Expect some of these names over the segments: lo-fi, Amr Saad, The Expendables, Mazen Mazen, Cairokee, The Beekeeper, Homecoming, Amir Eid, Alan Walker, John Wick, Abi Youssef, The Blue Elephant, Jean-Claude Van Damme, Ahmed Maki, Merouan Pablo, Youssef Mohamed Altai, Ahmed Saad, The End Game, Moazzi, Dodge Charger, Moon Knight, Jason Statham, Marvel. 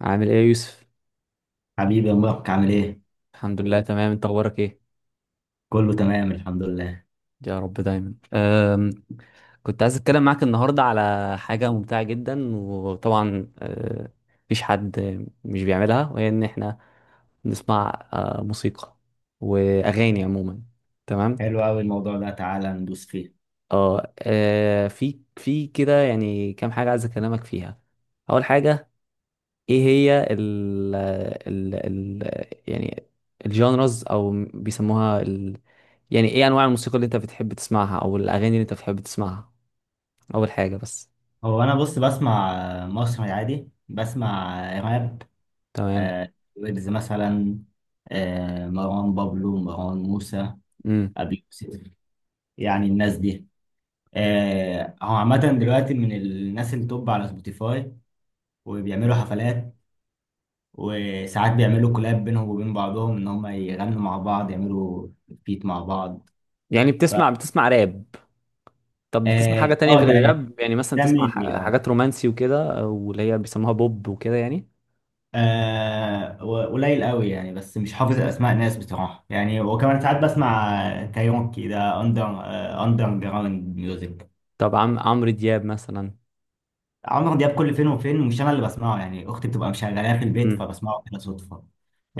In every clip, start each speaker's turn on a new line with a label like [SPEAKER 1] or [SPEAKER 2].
[SPEAKER 1] عامل ايه يا يوسف؟
[SPEAKER 2] حبيبي يا مبارك، عامل ايه؟
[SPEAKER 1] الحمد لله تمام. انت اخبارك ايه؟
[SPEAKER 2] كله تمام الحمد لله.
[SPEAKER 1] يا رب دايما. كنت عايز اتكلم معاك النهارده على حاجه ممتعه جدا، وطبعا مفيش حد مش بيعملها، وهي ان احنا نسمع موسيقى واغاني عموما. تمام.
[SPEAKER 2] حلو قوي الموضوع ده، تعالى ندوس فيه.
[SPEAKER 1] اه أه، في كده يعني كام حاجه عايز اكلمك فيها. اول حاجه، ايه هي ال ال ال يعني الجانرز او بيسموها، يعني ايه انواع الموسيقى اللي انت بتحب تسمعها، او الاغاني اللي انت بتحب تسمعها اول حاجه بس.
[SPEAKER 2] هو انا بص بسمع مصري عادي، بسمع راب،
[SPEAKER 1] تمام.
[SPEAKER 2] ويجز مثلا، مروان بابلو، مروان موسى،
[SPEAKER 1] امم
[SPEAKER 2] ابي يوسف. يعني الناس دي، هو عامة دلوقتي من الناس اللي توب على سبوتيفاي، وبيعملوا حفلات، وساعات بيعملوا كولاب بينهم وبين بعضهم، ان هم يغنوا مع بعض، يعملوا بيت مع بعض.
[SPEAKER 1] يعني
[SPEAKER 2] ف
[SPEAKER 1] بتسمع راب. طب بتسمع حاجه
[SPEAKER 2] اه
[SPEAKER 1] تانية
[SPEAKER 2] آه،
[SPEAKER 1] غير
[SPEAKER 2] ده
[SPEAKER 1] الراب؟ يعني مثلا
[SPEAKER 2] ده
[SPEAKER 1] بتسمع
[SPEAKER 2] مين لي
[SPEAKER 1] حاجات رومانسي وكده، او اللي هي بيسموها بوب وكده يعني.
[SPEAKER 2] آه قليل قوي يعني، بس مش حافظ اسماء ناس بصراحه يعني. وكمان ساعات بسمع كايروكي، ده اندر اندر جراوند ميوزك.
[SPEAKER 1] طب عمرو دياب مثلا؟
[SPEAKER 2] عمرو دياب كل فين وفين، مش انا اللي بسمعه يعني، اختي بتبقى مشغلاه في البيت،
[SPEAKER 1] امم
[SPEAKER 2] فبسمعه كده صدفه.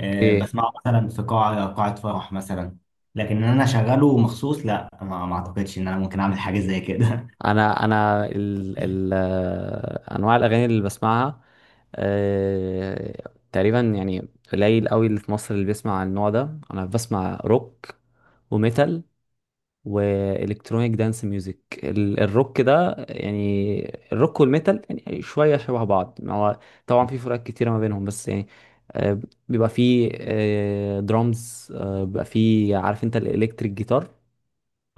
[SPEAKER 2] آه، بسمعه مثلا في قاعه فرح مثلا، لكن ان انا اشغله مخصوص، لا، ما اعتقدش ان انا ممكن اعمل حاجه زي كده.
[SPEAKER 1] انا ال ال آه، انواع الاغاني اللي بسمعها، تقريبا يعني قليل قوي اللي في مصر اللي بيسمع النوع ده. انا بسمع روك وميتال والكترونيك دانس ميوزك. الروك ده يعني، الروك والميتال يعني شويه شبه بعض، ما هو طبعا في فروقات كتيره ما بينهم بس يعني آه، بيبقى فيه درامز، بيبقى فيه عارف انت الالكتريك جيتار.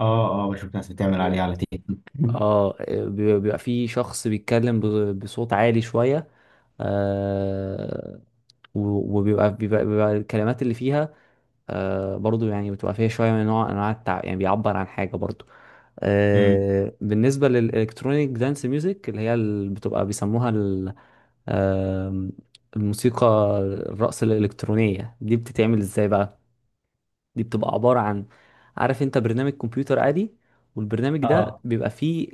[SPEAKER 2] اه اه، بشوف ناس بتعمل عليه على تيك توك.
[SPEAKER 1] اه، بيبقى في شخص بيتكلم بصوت عالي شوية. آه وبيبقى بيبقى, بيبقى الكلمات اللي فيها برضو، يعني بتبقى فيها شوية من نوع أنواع يعني بيعبر عن حاجة برضو.
[SPEAKER 2] أمم.
[SPEAKER 1] بالنسبة للإلكترونيك دانس ميوزك اللي هي اللي بتبقى بيسموها آه الموسيقى الرقص الإلكترونية دي بتتعمل إزاي بقى؟ دي بتبقى عبارة عن، عارف انت، برنامج كمبيوتر عادي، والبرنامج ده
[SPEAKER 2] اه
[SPEAKER 1] بيبقى فيه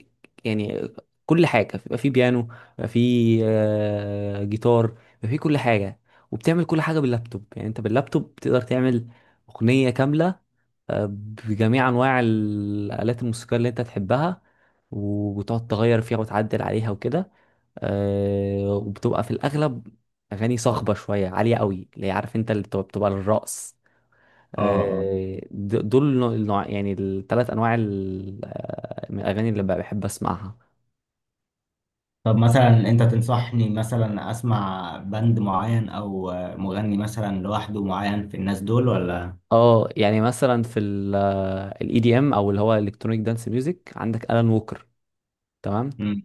[SPEAKER 1] يعني كل حاجة. بيبقى فيه بيانو، بيبقى فيه جيتار، بيبقى فيه كل حاجة. وبتعمل كل حاجة باللابتوب. يعني انت باللابتوب بتقدر تعمل أغنية كاملة آه، بجميع أنواع الآلات الموسيقية اللي انت تحبها، وبتقعد تغير فيها وتعدل عليها وكده. وبتبقى في الأغلب أغاني صاخبة شوية عالية قوي، اللي هي عارف انت اللي بتبقى للرقص.
[SPEAKER 2] اه،
[SPEAKER 1] دول يعني الثلاث انواع من الاغاني اللي بقى بحب اسمعها.
[SPEAKER 2] طب مثلا انت تنصحني مثلا اسمع بند معين او مغني مثلا لوحده معين في الناس دول ولا؟
[SPEAKER 1] اه، يعني مثلا في الاي دي ام، او اللي هو الكترونيك دانس ميوزك، عندك الان ووكر. تمام.
[SPEAKER 2] مم.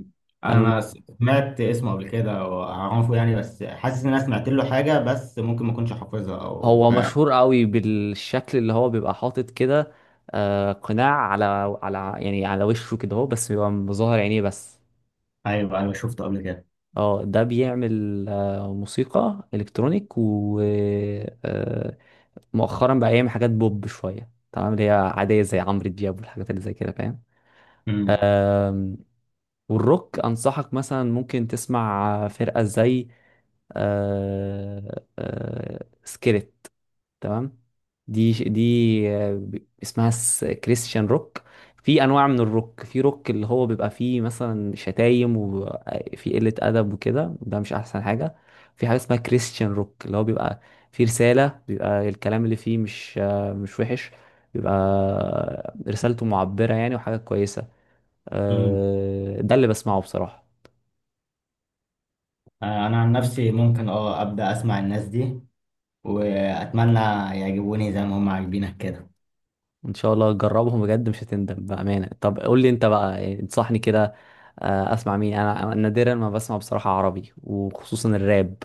[SPEAKER 1] الان
[SPEAKER 2] انا
[SPEAKER 1] ووكر
[SPEAKER 2] سمعت اسمه قبل كده واعرفه يعني، بس حاسس ان انا سمعت له حاجة، بس ممكن ما اكونش حافظها او
[SPEAKER 1] هو
[SPEAKER 2] ف...
[SPEAKER 1] مشهور قوي بالشكل اللي هو بيبقى حاطط كده قناع على يعني على وشه كده اهو، بس بيبقى مظهر عينيه بس.
[SPEAKER 2] ايوه ايوه، شفته قبل كده.
[SPEAKER 1] اه، ده بيعمل موسيقى الكترونيك و آه، مؤخرا بقى يعمل حاجات بوب شويه، تمام، اللي هي عاديه زي عمرو دياب والحاجات اللي زي كده، فاهم.
[SPEAKER 2] مم.
[SPEAKER 1] آم، والروك انصحك مثلا ممكن تسمع فرقه زي سكيلت. تمام. دي اسمها كريستيان روك. في انواع من الروك، في روك اللي هو بيبقى فيه مثلا شتايم وفي قلة ادب وكده، ده مش احسن حاجة. في حاجة اسمها كريستيان روك اللي هو بيبقى فيه رسالة، بيبقى الكلام اللي فيه مش مش وحش، بيبقى رسالته معبرة يعني وحاجة كويسة.
[SPEAKER 2] مم.
[SPEAKER 1] ده اللي بسمعه بصراحة.
[SPEAKER 2] انا عن نفسي ممكن اه ابدا اسمع الناس دي، واتمنى يعجبوني زي ما هم عاجبينك كده.
[SPEAKER 1] ان شاء الله جربهم بجد مش هتندم بامانه. طب قول لي انت بقى إيه، انصحني كده اسمع مين. انا أنا نادرا ما بسمع بصراحه عربي، وخصوصا الراب.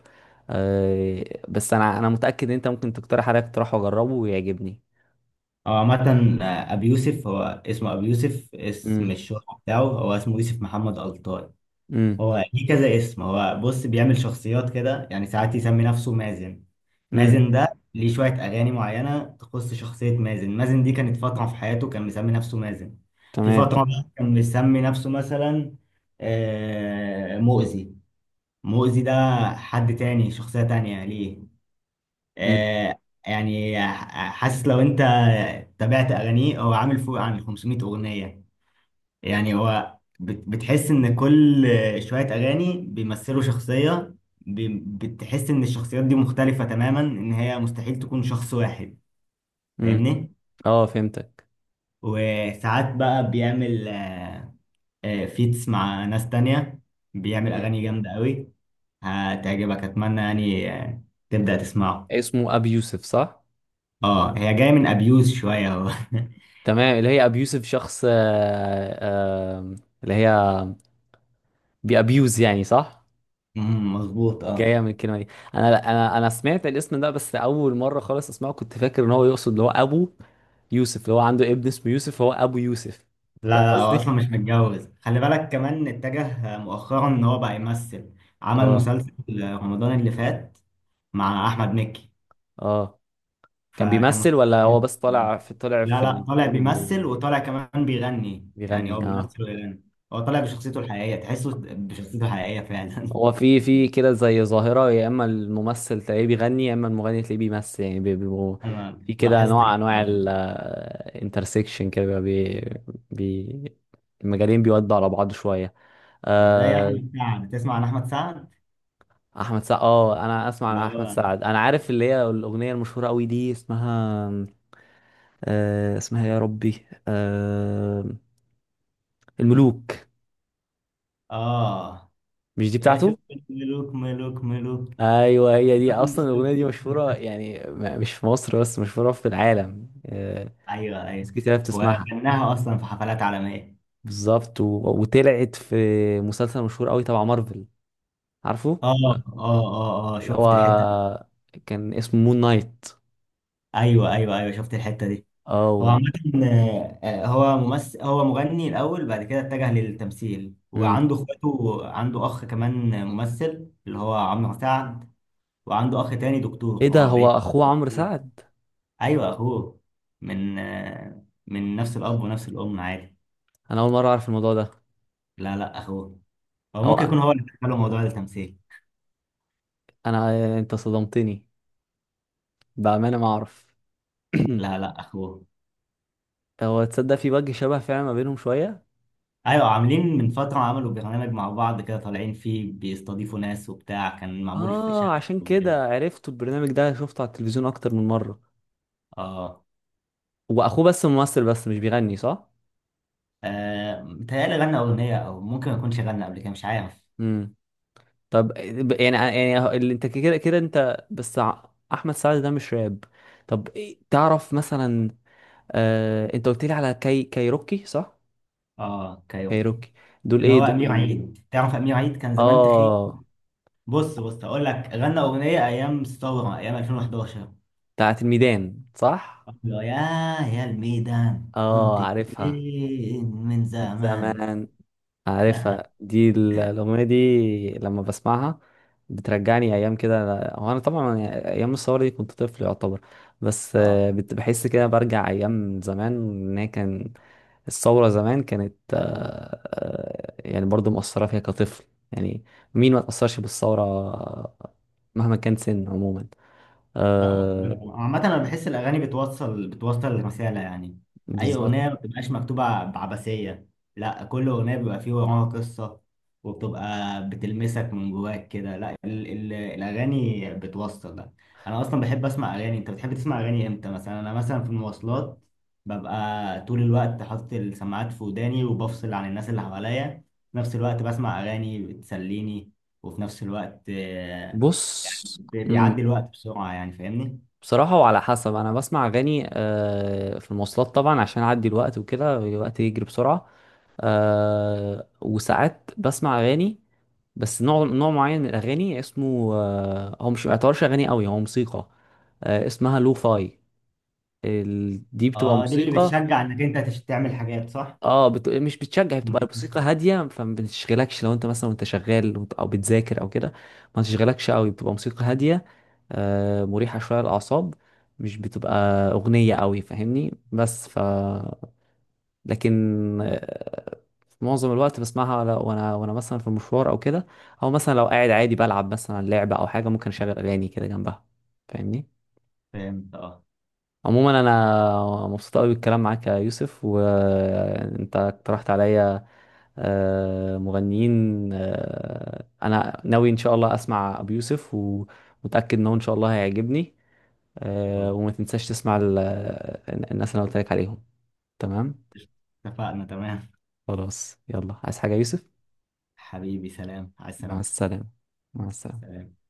[SPEAKER 1] آه، بس انا متاكد ان انت ممكن تقترح عليا اقتراح واجربه ويعجبني.
[SPEAKER 2] هو عامة أبي يوسف، هو اسمه أبي يوسف، اسم
[SPEAKER 1] امم
[SPEAKER 2] الشهرة بتاعه. هو اسمه يوسف محمد ألطاي.
[SPEAKER 1] امم
[SPEAKER 2] هو ليه كذا اسم؟ هو بص بيعمل شخصيات كده يعني، ساعات يسمي نفسه مازن.
[SPEAKER 1] امم
[SPEAKER 2] مازن ده ليه شوية أغاني معينة تخص شخصية مازن. مازن دي كانت فترة في حياته كان مسمي نفسه مازن. في
[SPEAKER 1] تمام.
[SPEAKER 2] فترة بقى كان مسمي نفسه مثلا مؤذي. مؤذي ده حد تاني، شخصية تانية ليه.
[SPEAKER 1] امم
[SPEAKER 2] آه، يعني حاسس لو انت تابعت أغانيه، هو عامل فوق عن 500 أغنية يعني. هو بتحس ان كل شوية اغاني بيمثلوا شخصية، بتحس ان الشخصيات دي مختلفة تماما، ان هي مستحيل تكون شخص واحد.
[SPEAKER 1] امم
[SPEAKER 2] فاهمني؟
[SPEAKER 1] اه فهمتك.
[SPEAKER 2] وساعات بقى بيعمل فيتس مع ناس تانية، بيعمل
[SPEAKER 1] امم
[SPEAKER 2] اغاني جامدة قوي هتعجبك. اتمنى يعني تبدأ تسمعه.
[SPEAKER 1] اسمه ابي يوسف صح؟
[SPEAKER 2] اه، هي جاية من ابيوز شوية. هو
[SPEAKER 1] تمام، اللي هي ابي يوسف شخص آه، اللي هي بيابيوز يعني، صح.
[SPEAKER 2] مم، مظبوط اه.
[SPEAKER 1] جايه من الكلمه دي. انا سمعت الاسم ده بس اول مره خالص اسمعه، كنت فاكر ان هو يقصد اللي هو ابو يوسف، اللي هو عنده ابن اسمه يوسف، هو ابو يوسف،
[SPEAKER 2] لا
[SPEAKER 1] فاهم
[SPEAKER 2] لا، هو اصلا مش
[SPEAKER 1] قصدي.
[SPEAKER 2] متجوز. خلي بالك كمان اتجه مؤخرا ان هو بقى يمثل. عمل
[SPEAKER 1] اه.
[SPEAKER 2] مسلسل رمضان اللي فات مع احمد مكي،
[SPEAKER 1] اه، كان
[SPEAKER 2] فكان
[SPEAKER 1] بيمثل
[SPEAKER 2] مسلسل
[SPEAKER 1] ولا
[SPEAKER 2] حلو.
[SPEAKER 1] هو بس طالع في، طلع في
[SPEAKER 2] لا لا،
[SPEAKER 1] الفيلم؟
[SPEAKER 2] طالع بيمثل،
[SPEAKER 1] بي...
[SPEAKER 2] وطالع كمان بيغني، يعني هو
[SPEAKER 1] بيغني، اه.
[SPEAKER 2] بيمثل ويغني. هو طالع بشخصيته الحقيقية، تحسه بشخصيته الحقيقية فعلا.
[SPEAKER 1] هو في كده زي ظاهره، يا اما الممثل تلاقيه بيغني، يا اما المغني تلاقيه بيمثل، يعني بيبقوا
[SPEAKER 2] انا
[SPEAKER 1] في كده
[SPEAKER 2] لاحظت
[SPEAKER 1] نوع
[SPEAKER 2] كده.
[SPEAKER 1] انواع الانترسكشن كده، بي... المجالين بيودوا على بعض شويه.
[SPEAKER 2] زي
[SPEAKER 1] آه
[SPEAKER 2] احمد سعد، تسمع عن احمد سعد؟
[SPEAKER 1] احمد سعد، اه انا اسمع
[SPEAKER 2] اللي
[SPEAKER 1] عن احمد
[SPEAKER 2] هو
[SPEAKER 1] سعد، انا عارف اللي هي الاغنيه المشهوره قوي دي اسمها اسمها يا ربي، الملوك.
[SPEAKER 2] اه،
[SPEAKER 1] مش دي
[SPEAKER 2] يا شوف،
[SPEAKER 1] بتاعته؟
[SPEAKER 2] ملوك ملوك ملوك.
[SPEAKER 1] ايوه هي دي.
[SPEAKER 2] مفيش
[SPEAKER 1] اصلا
[SPEAKER 2] سكوت.
[SPEAKER 1] الاغنيه دي مشهوره يعني، مش في مصر بس، مشهوره في العالم
[SPEAKER 2] ايوه
[SPEAKER 1] ناس
[SPEAKER 2] ايوه،
[SPEAKER 1] كتير بتسمعها.
[SPEAKER 2] وغناها اصلا في حفلات عالميه.
[SPEAKER 1] بالظبط وطلعت في مسلسل مشهور قوي تبع مارفل، عارفه
[SPEAKER 2] اه
[SPEAKER 1] لا؟
[SPEAKER 2] اه اه اه،
[SPEAKER 1] اللي
[SPEAKER 2] شفت الحته دي.
[SPEAKER 1] هو كان اسمه مون نايت.
[SPEAKER 2] ايوه ايوه ايوه، شفت الحته دي.
[SPEAKER 1] اه
[SPEAKER 2] هو عامه هو ممثل، هو مغني الاول، بعد كده اتجه للتمثيل.
[SPEAKER 1] مم.
[SPEAKER 2] وعنده اخواته، عنده اخ كمان ممثل اللي هو عمرو سعد، وعنده اخ تاني دكتور
[SPEAKER 1] ايه ده،
[SPEAKER 2] هو
[SPEAKER 1] هو
[SPEAKER 2] بعيد.
[SPEAKER 1] اخوه عمرو سعد؟
[SPEAKER 2] ايوه اخوه، من من نفس الاب ونفس الام، عادي.
[SPEAKER 1] انا اول مره اعرف الموضوع ده.
[SPEAKER 2] لا لا اخوه. هو ممكن
[SPEAKER 1] هو
[SPEAKER 2] يكون هو اللي دخله موضوع التمثيل.
[SPEAKER 1] انا انت صدمتني بامانه ما اعرف.
[SPEAKER 2] لا لا اخوه.
[SPEAKER 1] هو تصدق في وجه شبه فعلا ما بينهم شويه.
[SPEAKER 2] ايوه، عاملين من فترة عملوا برنامج مع بعض كده، طالعين فيه بيستضيفوا ناس وبتاع، كان معمول في شقة
[SPEAKER 1] اه عشان
[SPEAKER 2] أو فيلا.
[SPEAKER 1] كده عرفت البرنامج ده، شفته على التلفزيون اكتر من مره.
[SPEAKER 2] اه
[SPEAKER 1] واخوه بس ممثل بس مش بيغني صح؟
[SPEAKER 2] متهيألي غنى أغنية، أو ممكن ما يكونش غنى قبل كده، مش عارف.
[SPEAKER 1] امم طب يعني يعني اللي انت كده كده انت بس احمد سعد ده مش راب. طب تعرف مثلا انت قلت لي على كايروكي صح؟
[SPEAKER 2] اه كايوكي
[SPEAKER 1] كايروكي دول،
[SPEAKER 2] اللي
[SPEAKER 1] ايه
[SPEAKER 2] هو أمير
[SPEAKER 1] دول؟
[SPEAKER 2] عيد، تعرف أمير عيد كان زمان تخين؟
[SPEAKER 1] اه،
[SPEAKER 2] بص بص، أقول لك، غنى أغنية أيام الثورة، أيام 2011.
[SPEAKER 1] بتاعت الميدان صح.
[SPEAKER 2] يا يا الميدان،
[SPEAKER 1] اه
[SPEAKER 2] كنت
[SPEAKER 1] عارفها
[SPEAKER 2] فين من
[SPEAKER 1] من
[SPEAKER 2] زمان؟
[SPEAKER 1] زمان. عارفها دي الأغنية دي لما بسمعها بترجعني أيام كده. هو أنا طبعا يعني أيام الثورة دي كنت طفل يعتبر، بس
[SPEAKER 2] اه
[SPEAKER 1] بحس كده برجع أيام زمان، إن هي كان الثورة زمان كانت يعني برضو مؤثرة فيها كطفل. يعني مين ما تأثرش بالثورة مهما كان سن، عموما
[SPEAKER 2] لا،
[SPEAKER 1] آه
[SPEAKER 2] عامة أنا بحس الأغاني بتوصل رسالة يعني، أي
[SPEAKER 1] بالظبط.
[SPEAKER 2] أغنية ما بتبقاش مكتوبة بعبثية، لا كل أغنية بيبقى فيه وراها قصة، وبتبقى بتلمسك من جواك كده. لا، ال ال الأغاني بتوصل ده. أنا أصلا بحب أسمع أغاني. أنت بتحب تسمع أغاني إمتى؟ مثلا أنا مثلا في المواصلات ببقى طول الوقت حاطط السماعات في وداني، وبفصل عن الناس اللي حواليا، في نفس الوقت بسمع أغاني بتسليني، وفي نفس الوقت
[SPEAKER 1] بص،
[SPEAKER 2] بيعدي الوقت بسرعة يعني. فاهمني؟
[SPEAKER 1] بصراحة وعلى حسب. أنا بسمع أغاني في المواصلات طبعا عشان أعدي الوقت وكده، الوقت يجري بسرعة. وساعات بسمع أغاني بس نوع معين من الأغاني، اسمه هو مش، ما يعتبرش أغاني قوي، هو موسيقى اسمها لو فاي. دي بتبقى
[SPEAKER 2] اه دي اللي
[SPEAKER 1] موسيقى.
[SPEAKER 2] بتشجع انك انت تعمل حاجات صح؟
[SPEAKER 1] اه مش بتشجع، بتبقى
[SPEAKER 2] ممكن
[SPEAKER 1] الموسيقى
[SPEAKER 2] تسمع.
[SPEAKER 1] هاديه، فما بتشغلكش لو انت مثلا وانت شغال او بتذاكر او كده، ما تشغلكش قوي، بتبقى موسيقى هاديه مريحه شويه للاعصاب. مش بتبقى اغنيه قوي، فاهمني، بس لكن في معظم الوقت بسمعها، وانا مثلا في المشوار او كده، او مثلا لو قاعد عادي بلعب مثلا لعبه او حاجه، ممكن اشغل اغاني كده جنبها. فاهمني.
[SPEAKER 2] فهمت اه.
[SPEAKER 1] عموما انا مبسوط قوي بالكلام معاك يا يوسف، وانت اقترحت عليا مغنيين. انا ناوي ان شاء الله اسمع ابو يوسف، ومتاكد انه ان شاء الله هيعجبني.
[SPEAKER 2] ان شاء الله.
[SPEAKER 1] وما تنساش تسمع الناس اللي أنا قلت لك عليهم. تمام.
[SPEAKER 2] اتفقنا تمام.
[SPEAKER 1] خلاص يلا، عايز حاجه يا يوسف؟
[SPEAKER 2] حبيبي، سلام على
[SPEAKER 1] مع
[SPEAKER 2] السلامة.
[SPEAKER 1] السلامه. مع السلامه.
[SPEAKER 2] سلام.